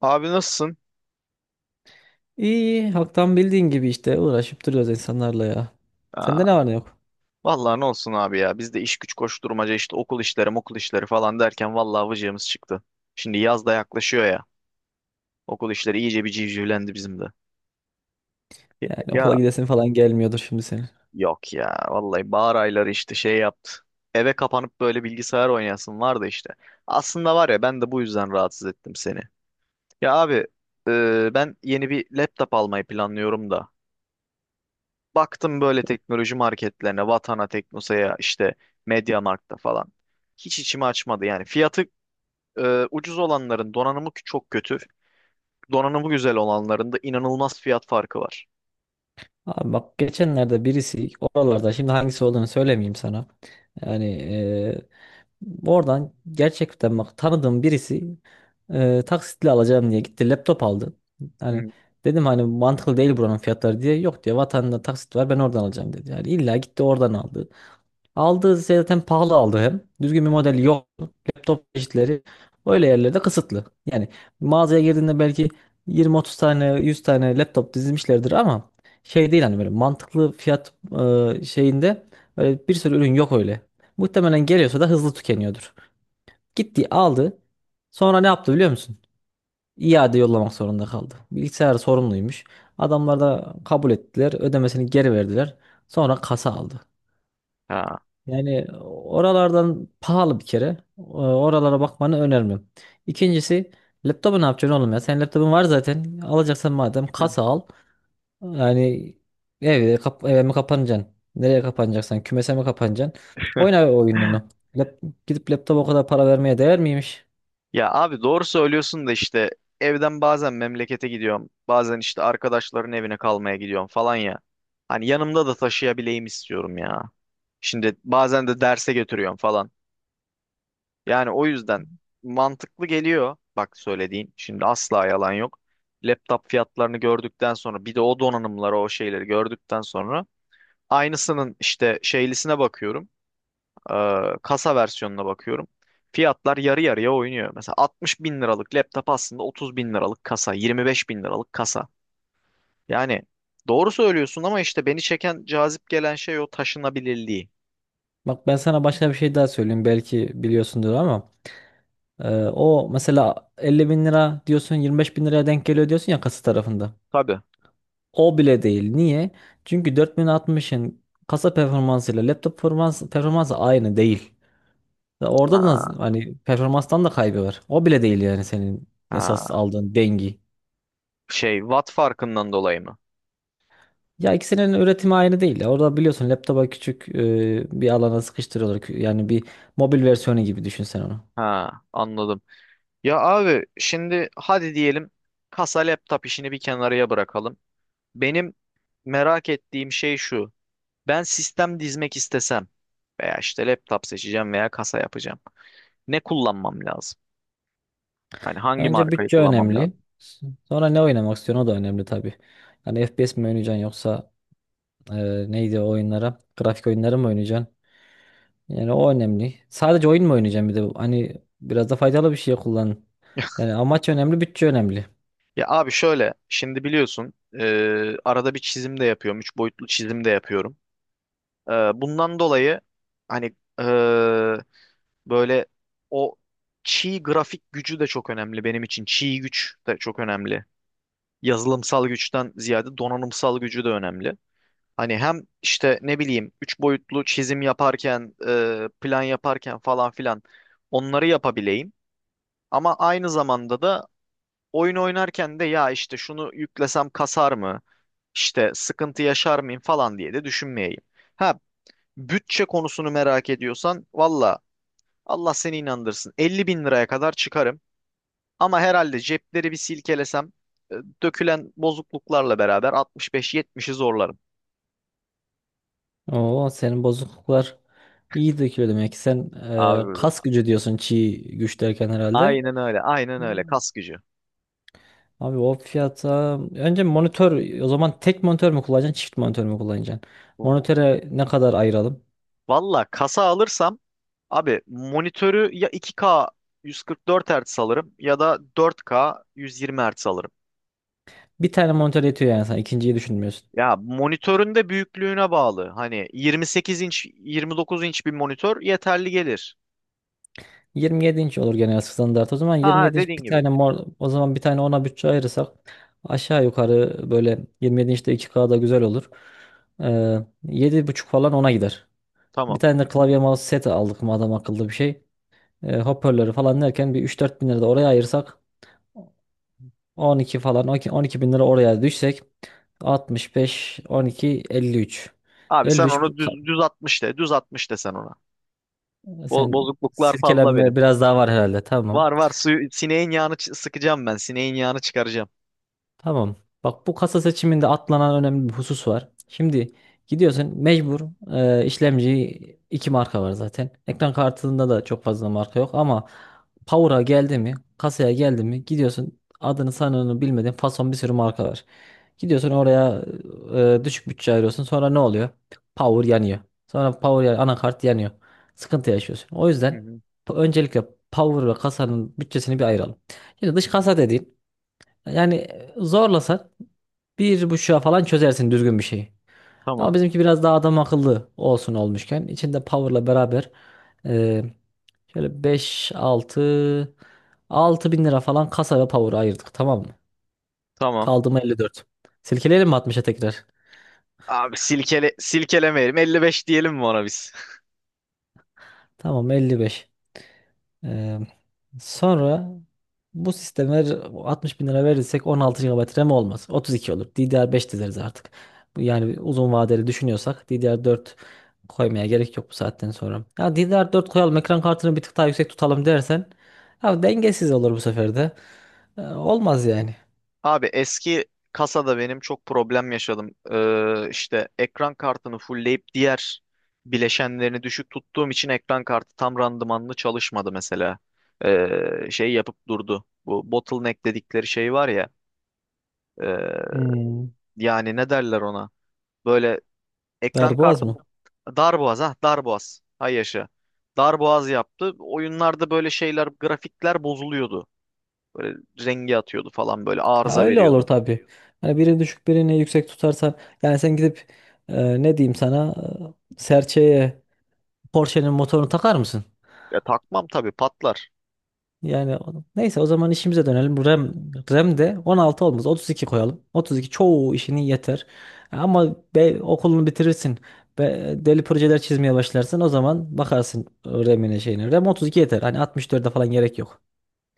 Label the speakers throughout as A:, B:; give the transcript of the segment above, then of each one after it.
A: Abi nasılsın?
B: İyi, halktan bildiğin gibi işte uğraşıp duruyoruz insanlarla ya.
A: Aa,
B: Sende ne var ne yok?
A: vallahi ne olsun abi ya. Biz de iş güç koşturmaca işte okul işleri, okul işleri falan derken vallahi vıcığımız çıktı. Şimdi yaz da yaklaşıyor ya. Okul işleri iyice bir civcivlendi bizim de.
B: Yani okula
A: Ya
B: gidesin falan gelmiyordur şimdi senin.
A: yok ya. Vallahi bahar ayları işte şey yaptı. Eve kapanıp böyle bilgisayar oynayasın vardı işte. Aslında var ya ben de bu yüzden rahatsız ettim seni. Ya abi, ben yeni bir laptop almayı planlıyorum da. Baktım böyle teknoloji marketlerine, Vatana, Teknosa'ya, işte MediaMarkt'ta falan. Hiç içimi açmadı yani. Fiyatı ucuz olanların donanımı çok kötü. Donanımı güzel olanların da inanılmaz fiyat farkı var.
B: Abi bak geçenlerde birisi oralarda şimdi hangisi olduğunu söylemeyeyim sana. Yani oradan gerçekten bak tanıdığım birisi taksitle alacağım diye gitti laptop aldı.
A: Hı
B: Hani
A: hı.
B: dedim hani mantıklı değil buranın fiyatları diye. Yok diyor vatanda taksit var ben oradan alacağım dedi. Yani illa gitti oradan aldı. Aldığı şey zaten pahalı aldı hem. Düzgün bir model yok. Laptop çeşitleri öyle yerlerde kısıtlı. Yani mağazaya girdiğinde belki 20-30 tane 100 tane laptop dizilmişlerdir ama şey değil hani böyle mantıklı fiyat şeyinde böyle bir sürü ürün yok öyle. Muhtemelen geliyorsa da hızlı tükeniyordur. Gitti aldı. Sonra ne yaptı biliyor musun? İade yollamak zorunda kaldı. Bilgisayar sorumluymuş. Adamlar da kabul ettiler. Ödemesini geri verdiler. Sonra kasa aldı. Yani oralardan pahalı bir kere. Oralara bakmanı önermiyorum. İkincisi laptopu ne yapacaksın oğlum ya? Senin laptopun var zaten. Alacaksan madem
A: Ha.
B: kasa al. Yani evde kap eve mi kapanacaksın? Nereye kapanacaksan kümese mi kapanacaksın? Oyna oyununu. Lap gidip laptopa o kadar para vermeye değer miymiş?
A: Ya abi doğru söylüyorsun da işte evden bazen memlekete gidiyorum. Bazen işte arkadaşların evine kalmaya gidiyorum falan ya. Hani yanımda da taşıyabileyim istiyorum ya. Şimdi bazen de derse götürüyorum falan. Yani o yüzden mantıklı geliyor. Bak söylediğin şimdi asla yalan yok. Laptop fiyatlarını gördükten sonra bir de o donanımları o şeyleri gördükten sonra aynısının işte şeylisine bakıyorum. Kasa versiyonuna bakıyorum. Fiyatlar yarı yarıya oynuyor. Mesela 60 bin liralık laptop aslında 30 bin liralık kasa, 25 bin liralık kasa. Yani doğru söylüyorsun ama işte beni çeken, cazip gelen şey o taşınabilirliği.
B: Bak ben sana başka bir şey daha söyleyeyim. Belki biliyorsundur ama o mesela 50 bin lira diyorsun 25 bin liraya denk geliyor diyorsun ya kasa tarafında.
A: Tabii.
B: O bile değil. Niye? Çünkü 4060'ın kasa performansıyla laptop performansı aynı değil. Ve orada
A: Ha,
B: da hani performanstan da kaybı var. O bile değil yani senin
A: ha.
B: esas aldığın dengi.
A: Şey, watt farkından dolayı mı?
B: Ya ikisinin üretimi aynı değil ya. Orada biliyorsun laptopa küçük bir alana sıkıştırıyorlar. Yani bir mobil versiyonu gibi düşün sen onu.
A: Ha, anladım. Ya abi şimdi hadi diyelim kasa laptop işini bir kenarıya bırakalım. Benim merak ettiğim şey şu. Ben sistem dizmek istesem veya işte laptop seçeceğim veya kasa yapacağım. Ne kullanmam lazım? Hani hangi
B: Önce
A: markayı
B: bütçe
A: kullanmam
B: önemli.
A: lazım?
B: Sonra ne oynamak istiyorsun o da önemli tabii. Yani FPS mi oynayacaksın yoksa e, neydi o oyunlara? Grafik oyunları mı oynayacaksın? Yani o önemli. Sadece oyun mu oynayacağım bir de? Hani biraz da faydalı bir şey kullan. Yani amaç önemli, bütçe önemli.
A: Ya abi şöyle, şimdi biliyorsun, arada bir çizim de yapıyorum. Üç boyutlu çizim de yapıyorum. E, Bundan dolayı hani, böyle, o çiğ grafik gücü de çok önemli benim için. Çiğ güç de çok önemli. Yazılımsal güçten ziyade donanımsal gücü de önemli. Hani hem işte ne bileyim üç boyutlu çizim yaparken, plan yaparken falan filan onları yapabileyim. Ama aynı zamanda da oyun oynarken de ya işte şunu yüklesem kasar mı? İşte sıkıntı yaşar mıyım falan diye de düşünmeyeyim. Ha, bütçe konusunu merak ediyorsan valla Allah seni inandırsın. 50 bin liraya kadar çıkarım. Ama herhalde cepleri bir silkelesem, e, dökülen bozukluklarla beraber 65-70'i zorlarım.
B: Oo senin bozukluklar iyi dökülüyor demek ki. Sen
A: Abi
B: kas gücü diyorsun çiğ güç derken herhalde.
A: aynen öyle. Aynen öyle. Kas gücü.
B: Abi o fiyata önce monitör o zaman tek monitör mü kullanacaksın çift monitör mü kullanacaksın? Monitöre ne kadar ayıralım?
A: Valla kasa alırsam abi monitörü ya 2K 144 Hz alırım ya da 4K 120 Hz alırım.
B: Bir tane monitör yetiyor yani sen ikinciyi düşünmüyorsun.
A: Ya monitörün de büyüklüğüne bağlı. Hani 28 inç 29 inç bir monitör yeterli gelir.
B: 27 inç olur genel standart. O zaman
A: Ha ha,
B: 27 inç
A: dediğin
B: bir
A: gibi.
B: tane mor o zaman bir tane ona bütçe ayırırsak aşağı yukarı böyle 27 inçte 2K da güzel olur. Ee, yedi buçuk falan ona gider. Bir
A: Tamam.
B: tane de klavye mouse seti aldık mı adam akıllı bir şey. Hoparlörü falan derken bir üç dört bin lira da oraya ayırsak 12 falan on iki bin lira oraya düşsek 65 12 53.
A: Abi sen
B: 53 bu-
A: onu düz 60 de. Düz 60 de sen ona. Bo-
B: Sen
A: bozukluklar fazla
B: silkelenme
A: benim.
B: biraz daha var herhalde, tamam.
A: Var var, suyu sineğin yağını sıkacağım ben. Sineğin yağını çıkaracağım.
B: Tamam. Bak bu kasa seçiminde atlanan önemli bir husus var. Şimdi gidiyorsun mecbur işlemci iki marka var zaten. Ekran kartında da çok fazla marka yok ama Power'a geldi mi, kasaya geldi mi gidiyorsun adını sanını bilmediğin fason bir sürü marka var. Gidiyorsun oraya düşük bütçe ayırıyorsun. Sonra ne oluyor? Power yanıyor. Sonra power anakart yanıyor. Sıkıntı yaşıyorsun. O
A: Hı
B: yüzden
A: hı.
B: öncelikle power ve kasanın bütçesini bir ayıralım. Şimdi
A: Hı
B: dış
A: hı.
B: kasa dediğin yani zorlasak bir buçuğa falan çözersin düzgün bir şeyi. Ama
A: Tamam.
B: bizimki biraz daha adam akıllı olsun olmuşken içinde power'la beraber e, şöyle 5 6 6 bin lira falan kasa ve power ayırdık, tamam mı?
A: Tamam.
B: Kaldı mı 54. Silkeleyelim mi 60'a tekrar?
A: Abi silkelemeyelim. 55 diyelim mi ona biz?
B: Tamam 55. Ee, sonra bu sisteme 60 bin lira verirsek 16 GB RAM olmaz. 32 olur. DDR5 dizeriz artık. Yani uzun vadeli düşünüyorsak DDR4 koymaya gerek yok bu saatten sonra. Ya DDR4 koyalım ekran kartını bir tık daha yüksek tutalım dersen ya dengesiz olur bu sefer de. Olmaz yani.
A: Abi eski kasada benim çok problem yaşadım. İşte ekran kartını fullleyip diğer bileşenlerini düşük tuttuğum için ekran kartı tam randımanlı çalışmadı mesela. Şey yapıp durdu. Bu bottleneck dedikleri şey var ya. e,
B: Hmm,
A: Yani ne derler ona? Böyle ekran
B: darboğaz
A: kartı
B: mı?
A: bu- Darboğaz, ha, darboğaz. Hay yaşa. Darboğaz yaptı. Oyunlarda böyle şeyler, grafikler bozuluyordu. Böyle rengi atıyordu falan, böyle
B: Ya
A: arıza
B: öyle olur
A: veriyordu.
B: tabii. Yani birini düşük birini yüksek tutarsan yani sen gidip ne diyeyim sana serçeye Porsche'nin motorunu takar mısın?
A: Ya takmam tabii, patlar.
B: Yani neyse o zaman işimize dönelim. Bu RAM de 16 olmaz. 32 koyalım. 32 çoğu işini yeter. Ama be, okulunu bitirirsin. Be, deli projeler çizmeye başlarsın. O zaman bakarsın RAM'ine şeyine. RAM 32 yeter. Hani 64'e falan gerek yok.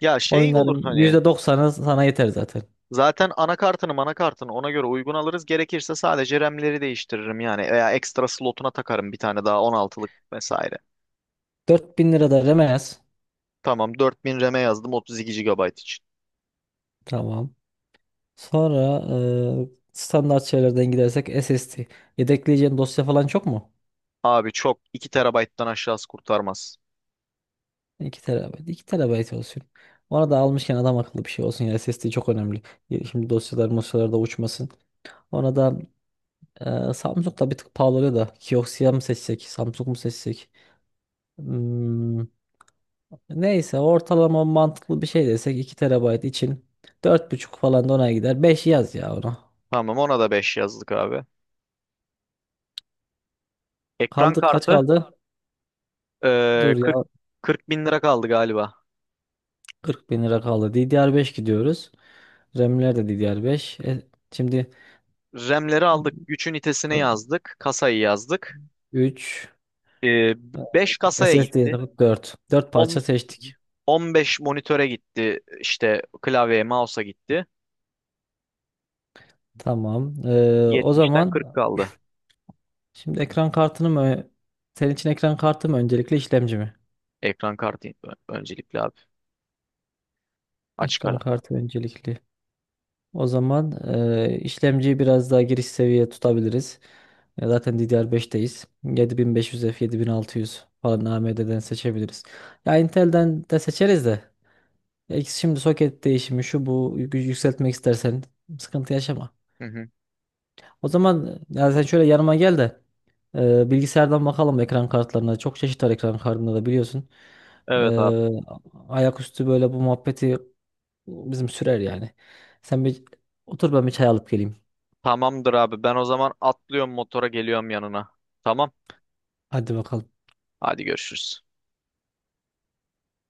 A: Ya şey olur,
B: Oyunların
A: hani
B: %90'ı sana yeter zaten.
A: zaten anakartını manakartını ona göre uygun alırız. Gerekirse sadece RAM'leri değiştiririm yani veya ekstra slotuna takarım bir tane daha 16'lık vesaire.
B: 4000 lira da RAM'e yaz.
A: Tamam, 4000 RAM'e yazdım, 32 gigabayt için.
B: Tamam. Sonra standart şeylerden gidersek SSD. Yedekleyeceğin dosya falan çok mu?
A: Abi çok, 2 TB'dan aşağısı kurtarmaz.
B: 2 terabayt. 2 terabayt olsun. Ona da almışken adam akıllı bir şey olsun. Yani SSD çok önemli. Şimdi dosyalar mosyalar da uçmasın. Ona da Samsung da bir tık pahalı da. Kioxia mı seçsek? Samsung mu seçsek? Hmm, neyse ortalama mantıklı bir şey desek 2 terabayt için dört buçuk falan da ona gider. Beş yaz ya ona.
A: Tamam, ona da 5 yazdık abi. Ekran
B: Kaldı kaç
A: kartı.
B: kaldı?
A: Ee,
B: Dur ya
A: 40 40 bin lira kaldı galiba.
B: 40 bin lira kaldı. DDR5 gidiyoruz. RAM'ler de DDR5. Şimdi
A: RAM'leri aldık. Güç ünitesine yazdık. Kasayı yazdık.
B: 3.
A: Ee, 5 kasaya
B: SSD
A: gitti.
B: dört parça
A: 10,
B: seçtik.
A: 15 monitöre gitti. İşte klavyeye, mouse'a gitti.
B: Tamam. O
A: 70'ten 40
B: zaman
A: kaldı.
B: şimdi ekran kartını mı senin için ekran kartı mı öncelikli işlemci mi?
A: Ekran kartı öncelikli abi. Açık ara.
B: Ekran kartı öncelikli. O zaman işlemciyi biraz daha giriş seviye tutabiliriz. Zaten DDR5'teyiz. 7500F, 7600 falan AMD'den seçebiliriz. Ya Intel'den de seçeriz de. Ya ikisi şimdi soket değişimi şu bu yükseltmek istersen sıkıntı yaşama.
A: Hı hı.
B: O zaman ya sen şöyle yanıma gel de bilgisayardan bakalım ekran kartlarına. Çok çeşit var ekran kartında da biliyorsun.
A: Evet abi.
B: E, ayaküstü böyle bu muhabbeti bizim sürer yani. Sen bir otur ben bir çay alıp geleyim.
A: Tamamdır abi. Ben o zaman atlıyorum motora, geliyorum yanına. Tamam.
B: Hadi bakalım.
A: Hadi görüşürüz.